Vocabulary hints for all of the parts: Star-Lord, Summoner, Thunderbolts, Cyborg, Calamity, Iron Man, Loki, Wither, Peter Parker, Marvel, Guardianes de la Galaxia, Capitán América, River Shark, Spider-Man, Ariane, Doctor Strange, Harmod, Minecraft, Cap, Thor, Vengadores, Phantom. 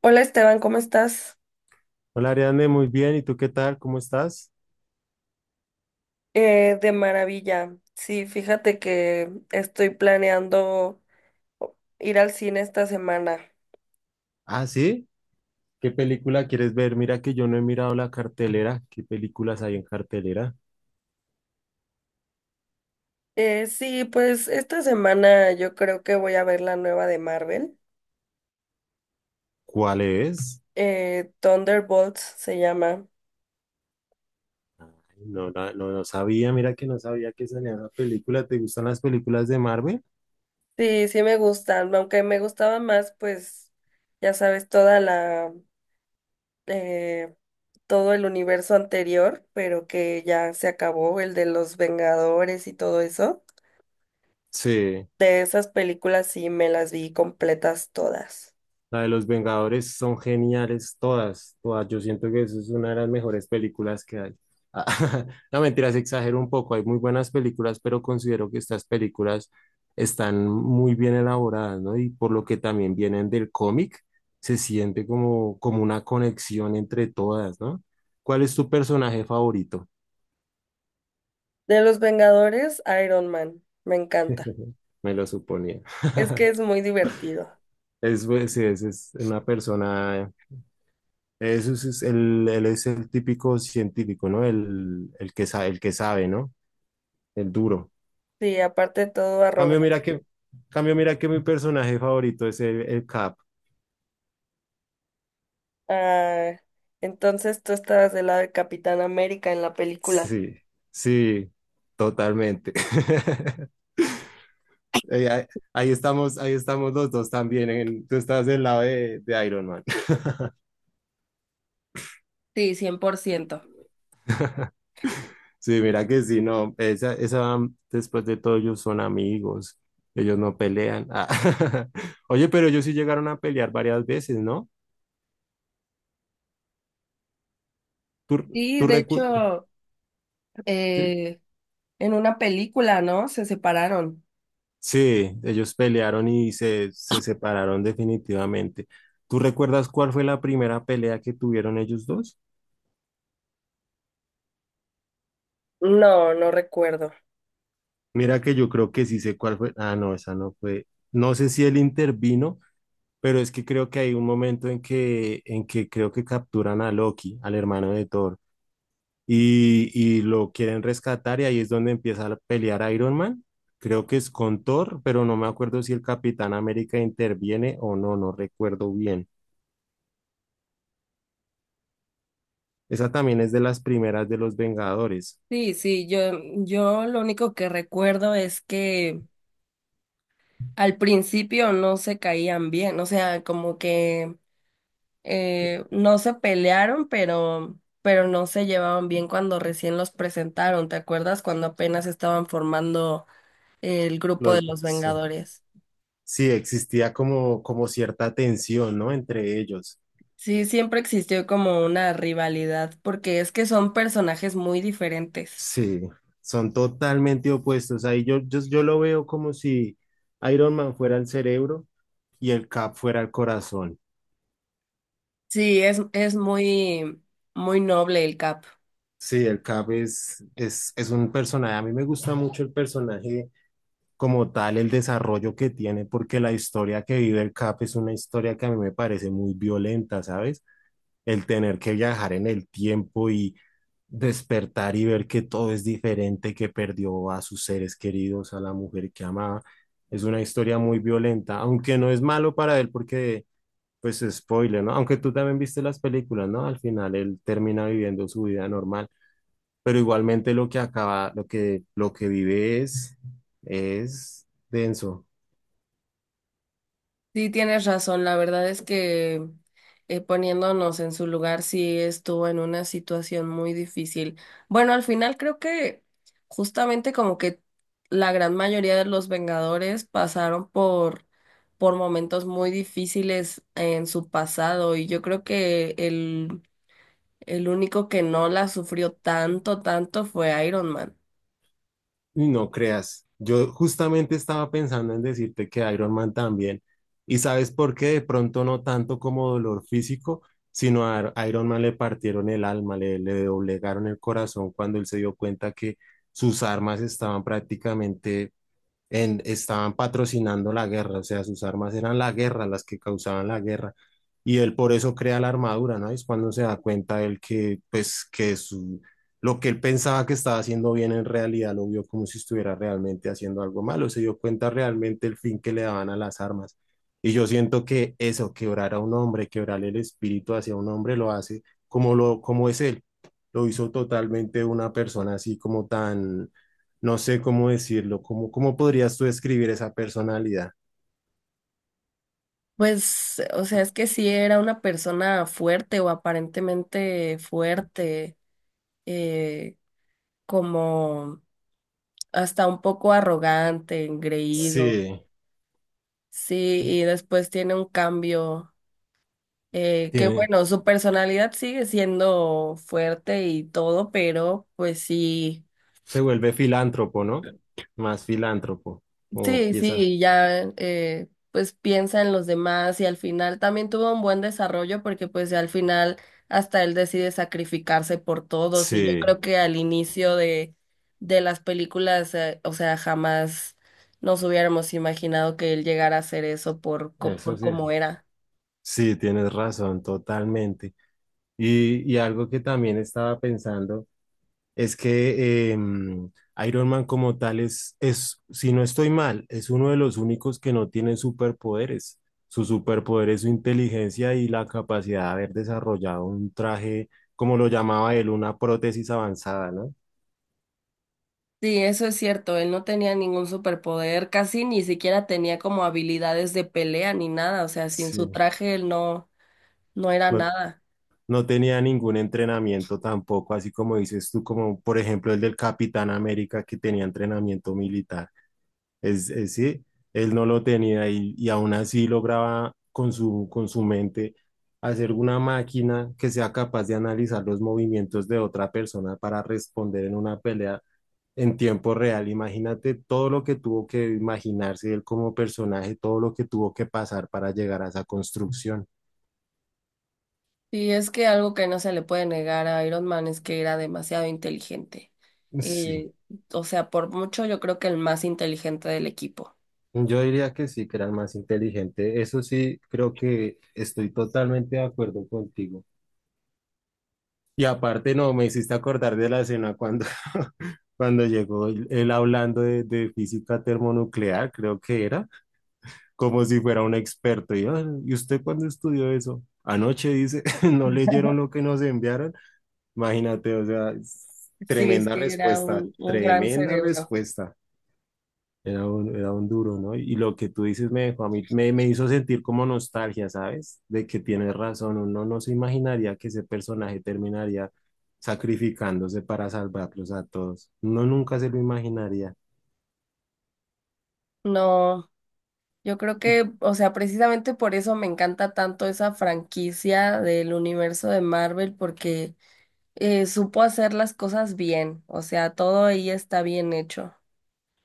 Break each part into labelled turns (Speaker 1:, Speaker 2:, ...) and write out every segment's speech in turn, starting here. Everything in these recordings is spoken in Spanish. Speaker 1: Hola, Esteban, ¿cómo estás?
Speaker 2: Hola Ariane, muy bien. ¿Y tú qué tal? ¿Cómo estás?
Speaker 1: De maravilla. Sí, fíjate que estoy planeando ir al cine esta semana.
Speaker 2: Ah, sí. ¿Qué película quieres ver? Mira que yo no he mirado la cartelera. ¿Qué películas hay en cartelera?
Speaker 1: Sí, pues esta semana yo creo que voy a ver la nueva de Marvel.
Speaker 2: ¿Cuál es?
Speaker 1: Thunderbolts se llama.
Speaker 2: Ay, no, no, no sabía, mira que no sabía que salía una película. ¿Te gustan las películas de Marvel?
Speaker 1: Sí, sí me gustan, aunque me gustaba más, pues ya sabes, eh, todo el universo anterior, pero que ya se acabó, el de los Vengadores y todo eso.
Speaker 2: Sí.
Speaker 1: De esas películas sí me las vi completas todas.
Speaker 2: La de los Vengadores son geniales todas, todas. Yo siento que eso es una de las mejores películas que hay. No, mentiras, exagero un poco. Hay muy buenas películas, pero considero que estas películas están muy bien elaboradas, ¿no? Y por lo que también vienen del cómic, se siente como, como una conexión entre todas, ¿no? ¿Cuál es tu personaje favorito?
Speaker 1: De los Vengadores, Iron Man. Me encanta.
Speaker 2: Me lo suponía.
Speaker 1: Es que es muy divertido.
Speaker 2: Es, pues, sí, es una persona. Eso es el, él es el típico científico, ¿no? El que sabe, ¿no? El duro.
Speaker 1: Sí, aparte de todo
Speaker 2: Cambio,
Speaker 1: arrogante.
Speaker 2: mira que, cambio, mira que mi personaje favorito es el Cap.
Speaker 1: Ah, entonces tú estabas del lado de Capitán América en la película.
Speaker 2: Sí, sí, totalmente. Ahí, ahí estamos los dos también. Tú estás del lado de Iron Man.
Speaker 1: Sí, cien por ciento.
Speaker 2: Sí, mira que sí, no. Esa, después de todo, ellos son amigos. Ellos no pelean. Ah. Oye, pero ellos sí llegaron a pelear varias veces, ¿no? ¿Tú,
Speaker 1: Sí,
Speaker 2: tú
Speaker 1: de
Speaker 2: recuerdas?
Speaker 1: hecho,
Speaker 2: Sí,
Speaker 1: eh, en una película, ¿no? Se separaron.
Speaker 2: sí, ellos pelearon y se separaron definitivamente. ¿Tú recuerdas cuál fue la primera pelea que tuvieron ellos dos?
Speaker 1: No, no recuerdo.
Speaker 2: Mira que yo creo que sí sé cuál fue. Ah, no, esa no fue. No sé si él intervino, pero es que creo que hay un momento en que creo que capturan a Loki, al hermano de Thor, y lo quieren rescatar y ahí es donde empieza a pelear Iron Man. Creo que es con Thor, pero no me acuerdo si el Capitán América interviene o no, no recuerdo bien. Esa también es de las primeras de los Vengadores.
Speaker 1: Sí, sí, yo lo único que recuerdo es que al principio no se caían bien, o sea, como que no se pelearon, pero no se llevaban bien cuando recién los presentaron. ¿Te acuerdas cuando apenas estaban formando el grupo de
Speaker 2: Los,
Speaker 1: los
Speaker 2: sí.
Speaker 1: Vengadores?
Speaker 2: Sí, existía como, como cierta tensión, ¿no? Entre ellos.
Speaker 1: Sí, siempre existió como una rivalidad, porque es que son personajes muy diferentes.
Speaker 2: Sí, son totalmente opuestos. Ahí yo, yo, yo lo veo como si Iron Man fuera el cerebro y el Cap fuera el corazón.
Speaker 1: Sí, es muy, muy noble el Cap.
Speaker 2: Sí, el Cap es un personaje. A mí me gusta mucho el personaje como tal, el desarrollo que tiene, porque la historia que vive el Cap es una historia que a mí me parece muy violenta, ¿sabes? El tener que viajar en el tiempo y despertar y ver que todo es diferente, que perdió a sus seres queridos, a la mujer que amaba. Es una historia muy violenta, aunque no es malo para él porque, pues, spoiler, ¿no? Aunque tú también viste las películas, ¿no? Al final él termina viviendo su vida normal, pero igualmente lo que acaba, lo que vive es denso.
Speaker 1: Sí, tienes razón. La verdad es que poniéndonos en su lugar, sí estuvo en una situación muy difícil. Bueno, al final creo que justamente como que la gran mayoría de los Vengadores pasaron por momentos muy difíciles en su pasado y yo creo que el único que no la sufrió tanto, tanto fue Iron Man.
Speaker 2: Y no creas, yo justamente estaba pensando en decirte que Iron Man también. ¿Y sabes por qué? De pronto no tanto como dolor físico, sino a Iron Man le partieron el alma, le doblegaron el corazón cuando él se dio cuenta que sus armas estaban prácticamente en, estaban patrocinando la guerra, o sea, sus armas eran la guerra, las que causaban la guerra. Y él por eso crea la armadura, ¿no? Es cuando se da cuenta él que, pues, que su, lo que él pensaba que estaba haciendo bien en realidad lo vio como si estuviera realmente haciendo algo malo, se dio cuenta realmente el fin que le daban a las armas. Y yo siento que eso, quebrar a un hombre, quebrar el espíritu hacia un hombre, lo hace como, lo, como es él. Lo hizo totalmente una persona así como tan, no sé cómo decirlo, cómo, cómo podrías tú describir esa personalidad.
Speaker 1: Pues, o sea, es que sí era una persona fuerte o aparentemente fuerte. eh, Como hasta un poco arrogante, engreído.
Speaker 2: Sí,
Speaker 1: Sí, y después tiene un cambio, que
Speaker 2: tiene,
Speaker 1: bueno, su personalidad sigue siendo fuerte y todo, pero pues sí.
Speaker 2: se vuelve filántropo, ¿no? Más filántropo, o
Speaker 1: Sí,
Speaker 2: empieza.
Speaker 1: sí, ya pues piensa en los demás y al final también tuvo un buen desarrollo porque pues al final hasta él decide sacrificarse por todos y yo
Speaker 2: Sí,
Speaker 1: creo que al inicio de las películas, o sea, jamás nos hubiéramos imaginado que él llegara a hacer eso por, co-
Speaker 2: eso
Speaker 1: por
Speaker 2: sí es.
Speaker 1: cómo era.
Speaker 2: Sí, tienes razón, totalmente. Y algo que también estaba pensando es que Iron Man como tal es, si no estoy mal, es uno de los únicos que no tiene superpoderes. Su superpoder es su inteligencia y la capacidad de haber desarrollado un traje, como lo llamaba él, una prótesis avanzada, ¿no?
Speaker 1: Sí, eso es cierto, él no tenía ningún superpoder, casi ni siquiera tenía como habilidades de pelea ni nada, o sea, sin su
Speaker 2: Sí.
Speaker 1: traje él no, no era
Speaker 2: No,
Speaker 1: nada.
Speaker 2: no tenía ningún entrenamiento tampoco, así como dices tú, como por ejemplo el del Capitán América que tenía entrenamiento militar. Es sí él no lo tenía y aún así lograba con su mente hacer una máquina que sea capaz de analizar los movimientos de otra persona para responder en una pelea en tiempo real. Imagínate todo lo que tuvo que imaginarse él como personaje, todo lo que tuvo que pasar para llegar a esa construcción.
Speaker 1: Y es que algo que no se le puede negar a Iron Man es que era demasiado inteligente.
Speaker 2: Sí.
Speaker 1: Eh, o sea, por mucho yo creo que el más inteligente del equipo.
Speaker 2: Yo diría que sí, que era el más inteligente. Eso sí, creo que estoy totalmente de acuerdo contigo. Y aparte, no, me hiciste acordar de la escena cuando, cuando llegó él hablando de física termonuclear, creo que era, como si fuera un experto. Y, "Ah, ¿y usted cuándo estudió eso? Anoche", dice, no leyeron lo que nos enviaron. Imagínate, o sea, es
Speaker 1: Sí,
Speaker 2: tremenda
Speaker 1: sí, era
Speaker 2: respuesta,
Speaker 1: un gran
Speaker 2: tremenda
Speaker 1: cerebro.
Speaker 2: respuesta. Era un duro, ¿no? Y lo que tú dices me dejó a mí, me hizo sentir como nostalgia, ¿sabes? De que tienes razón, uno no se imaginaría que ese personaje terminaría sacrificándose para salvarlos a todos. Uno nunca se lo imaginaría.
Speaker 1: No, yo creo que, o sea, precisamente por eso me encanta tanto esa franquicia del universo de Marvel, porque supo hacer las cosas bien. O sea, todo ahí está bien hecho,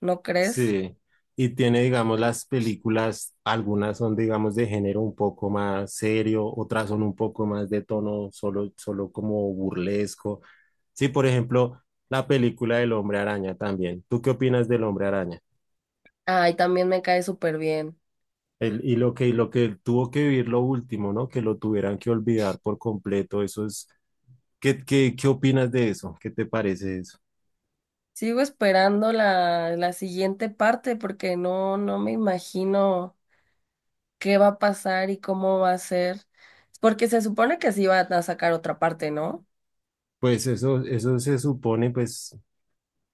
Speaker 1: ¿no crees?
Speaker 2: Sí. Y tiene, digamos, las películas, algunas son, digamos, de género un poco más serio, otras son un poco más de tono solo, solo como burlesco. Sí, por ejemplo, la película del Hombre Araña también. ¿Tú qué opinas del Hombre Araña?
Speaker 1: Ay, también me cae súper bien.
Speaker 2: Y lo que tuvo que vivir lo último, ¿no? Que lo tuvieran que olvidar por completo, eso es, ¿qué, qué, qué opinas de eso? ¿Qué te parece eso?
Speaker 1: Sigo esperando la siguiente parte porque no me imagino qué va a pasar y cómo va a ser. Porque se supone que sí van a sacar otra parte, ¿no?
Speaker 2: Pues eso se supone, pues,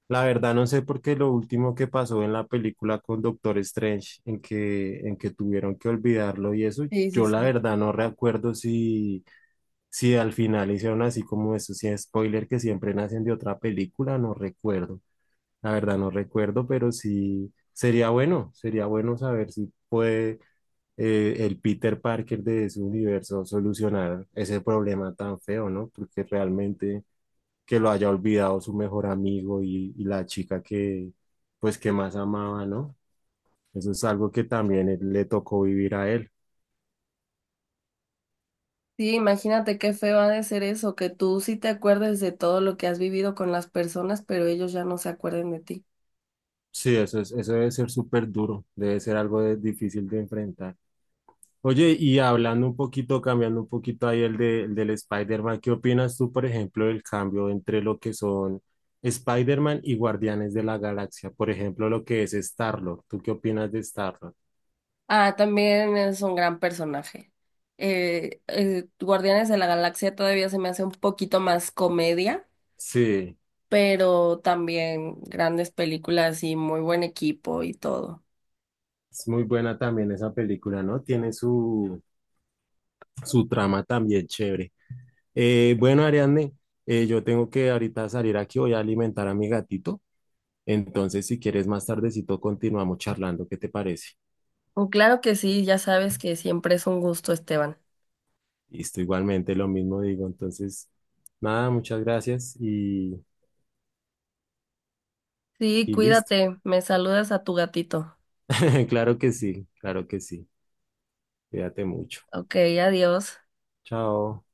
Speaker 2: la verdad no sé por qué lo último que pasó en la película con Doctor Strange, en que tuvieron que olvidarlo y eso,
Speaker 1: Sí, sí,
Speaker 2: yo la
Speaker 1: sí.
Speaker 2: verdad no recuerdo si, si al final hicieron así como eso, si es spoiler que siempre nacen de otra película, no recuerdo. La verdad no recuerdo, pero sí sería bueno saber si puede el Peter Parker de su universo solucionar ese problema tan feo, ¿no? Porque realmente que lo haya olvidado su mejor amigo y la chica que, pues, que más amaba, ¿no? Eso es algo que también le tocó vivir a él.
Speaker 1: Sí, imagínate qué feo ha de ser eso, que tú sí te acuerdes de todo lo que has vivido con las personas, pero ellos ya no se acuerden de ti.
Speaker 2: Sí, eso es, eso debe ser súper duro, debe ser algo difícil de enfrentar. Oye, y hablando un poquito, cambiando un poquito ahí el, el del Spider-Man, ¿qué opinas tú, por ejemplo, del cambio entre lo que son Spider-Man y Guardianes de la Galaxia? Por ejemplo, lo que es Star-Lord. ¿Tú qué opinas de Star-Lord?
Speaker 1: Ah, también es un gran personaje. Guardianes de la Galaxia todavía se me hace un poquito más comedia,
Speaker 2: Sí,
Speaker 1: pero también grandes películas y muy buen equipo y todo.
Speaker 2: es muy buena también esa película, ¿no? Tiene su, su trama también chévere. Bueno, Ariadne, yo tengo que ahorita salir aquí, voy a alimentar a mi gatito. Entonces, si quieres más tardecito, continuamos charlando. ¿Qué te parece?
Speaker 1: Oh, claro que sí, ya sabes que siempre es un gusto, Esteban.
Speaker 2: Listo, igualmente lo mismo digo. Entonces, nada, muchas gracias
Speaker 1: Sí,
Speaker 2: y listo.
Speaker 1: cuídate, me saludas a tu gatito.
Speaker 2: Claro que sí, claro que sí. Cuídate mucho.
Speaker 1: Ok, adiós.
Speaker 2: Chao.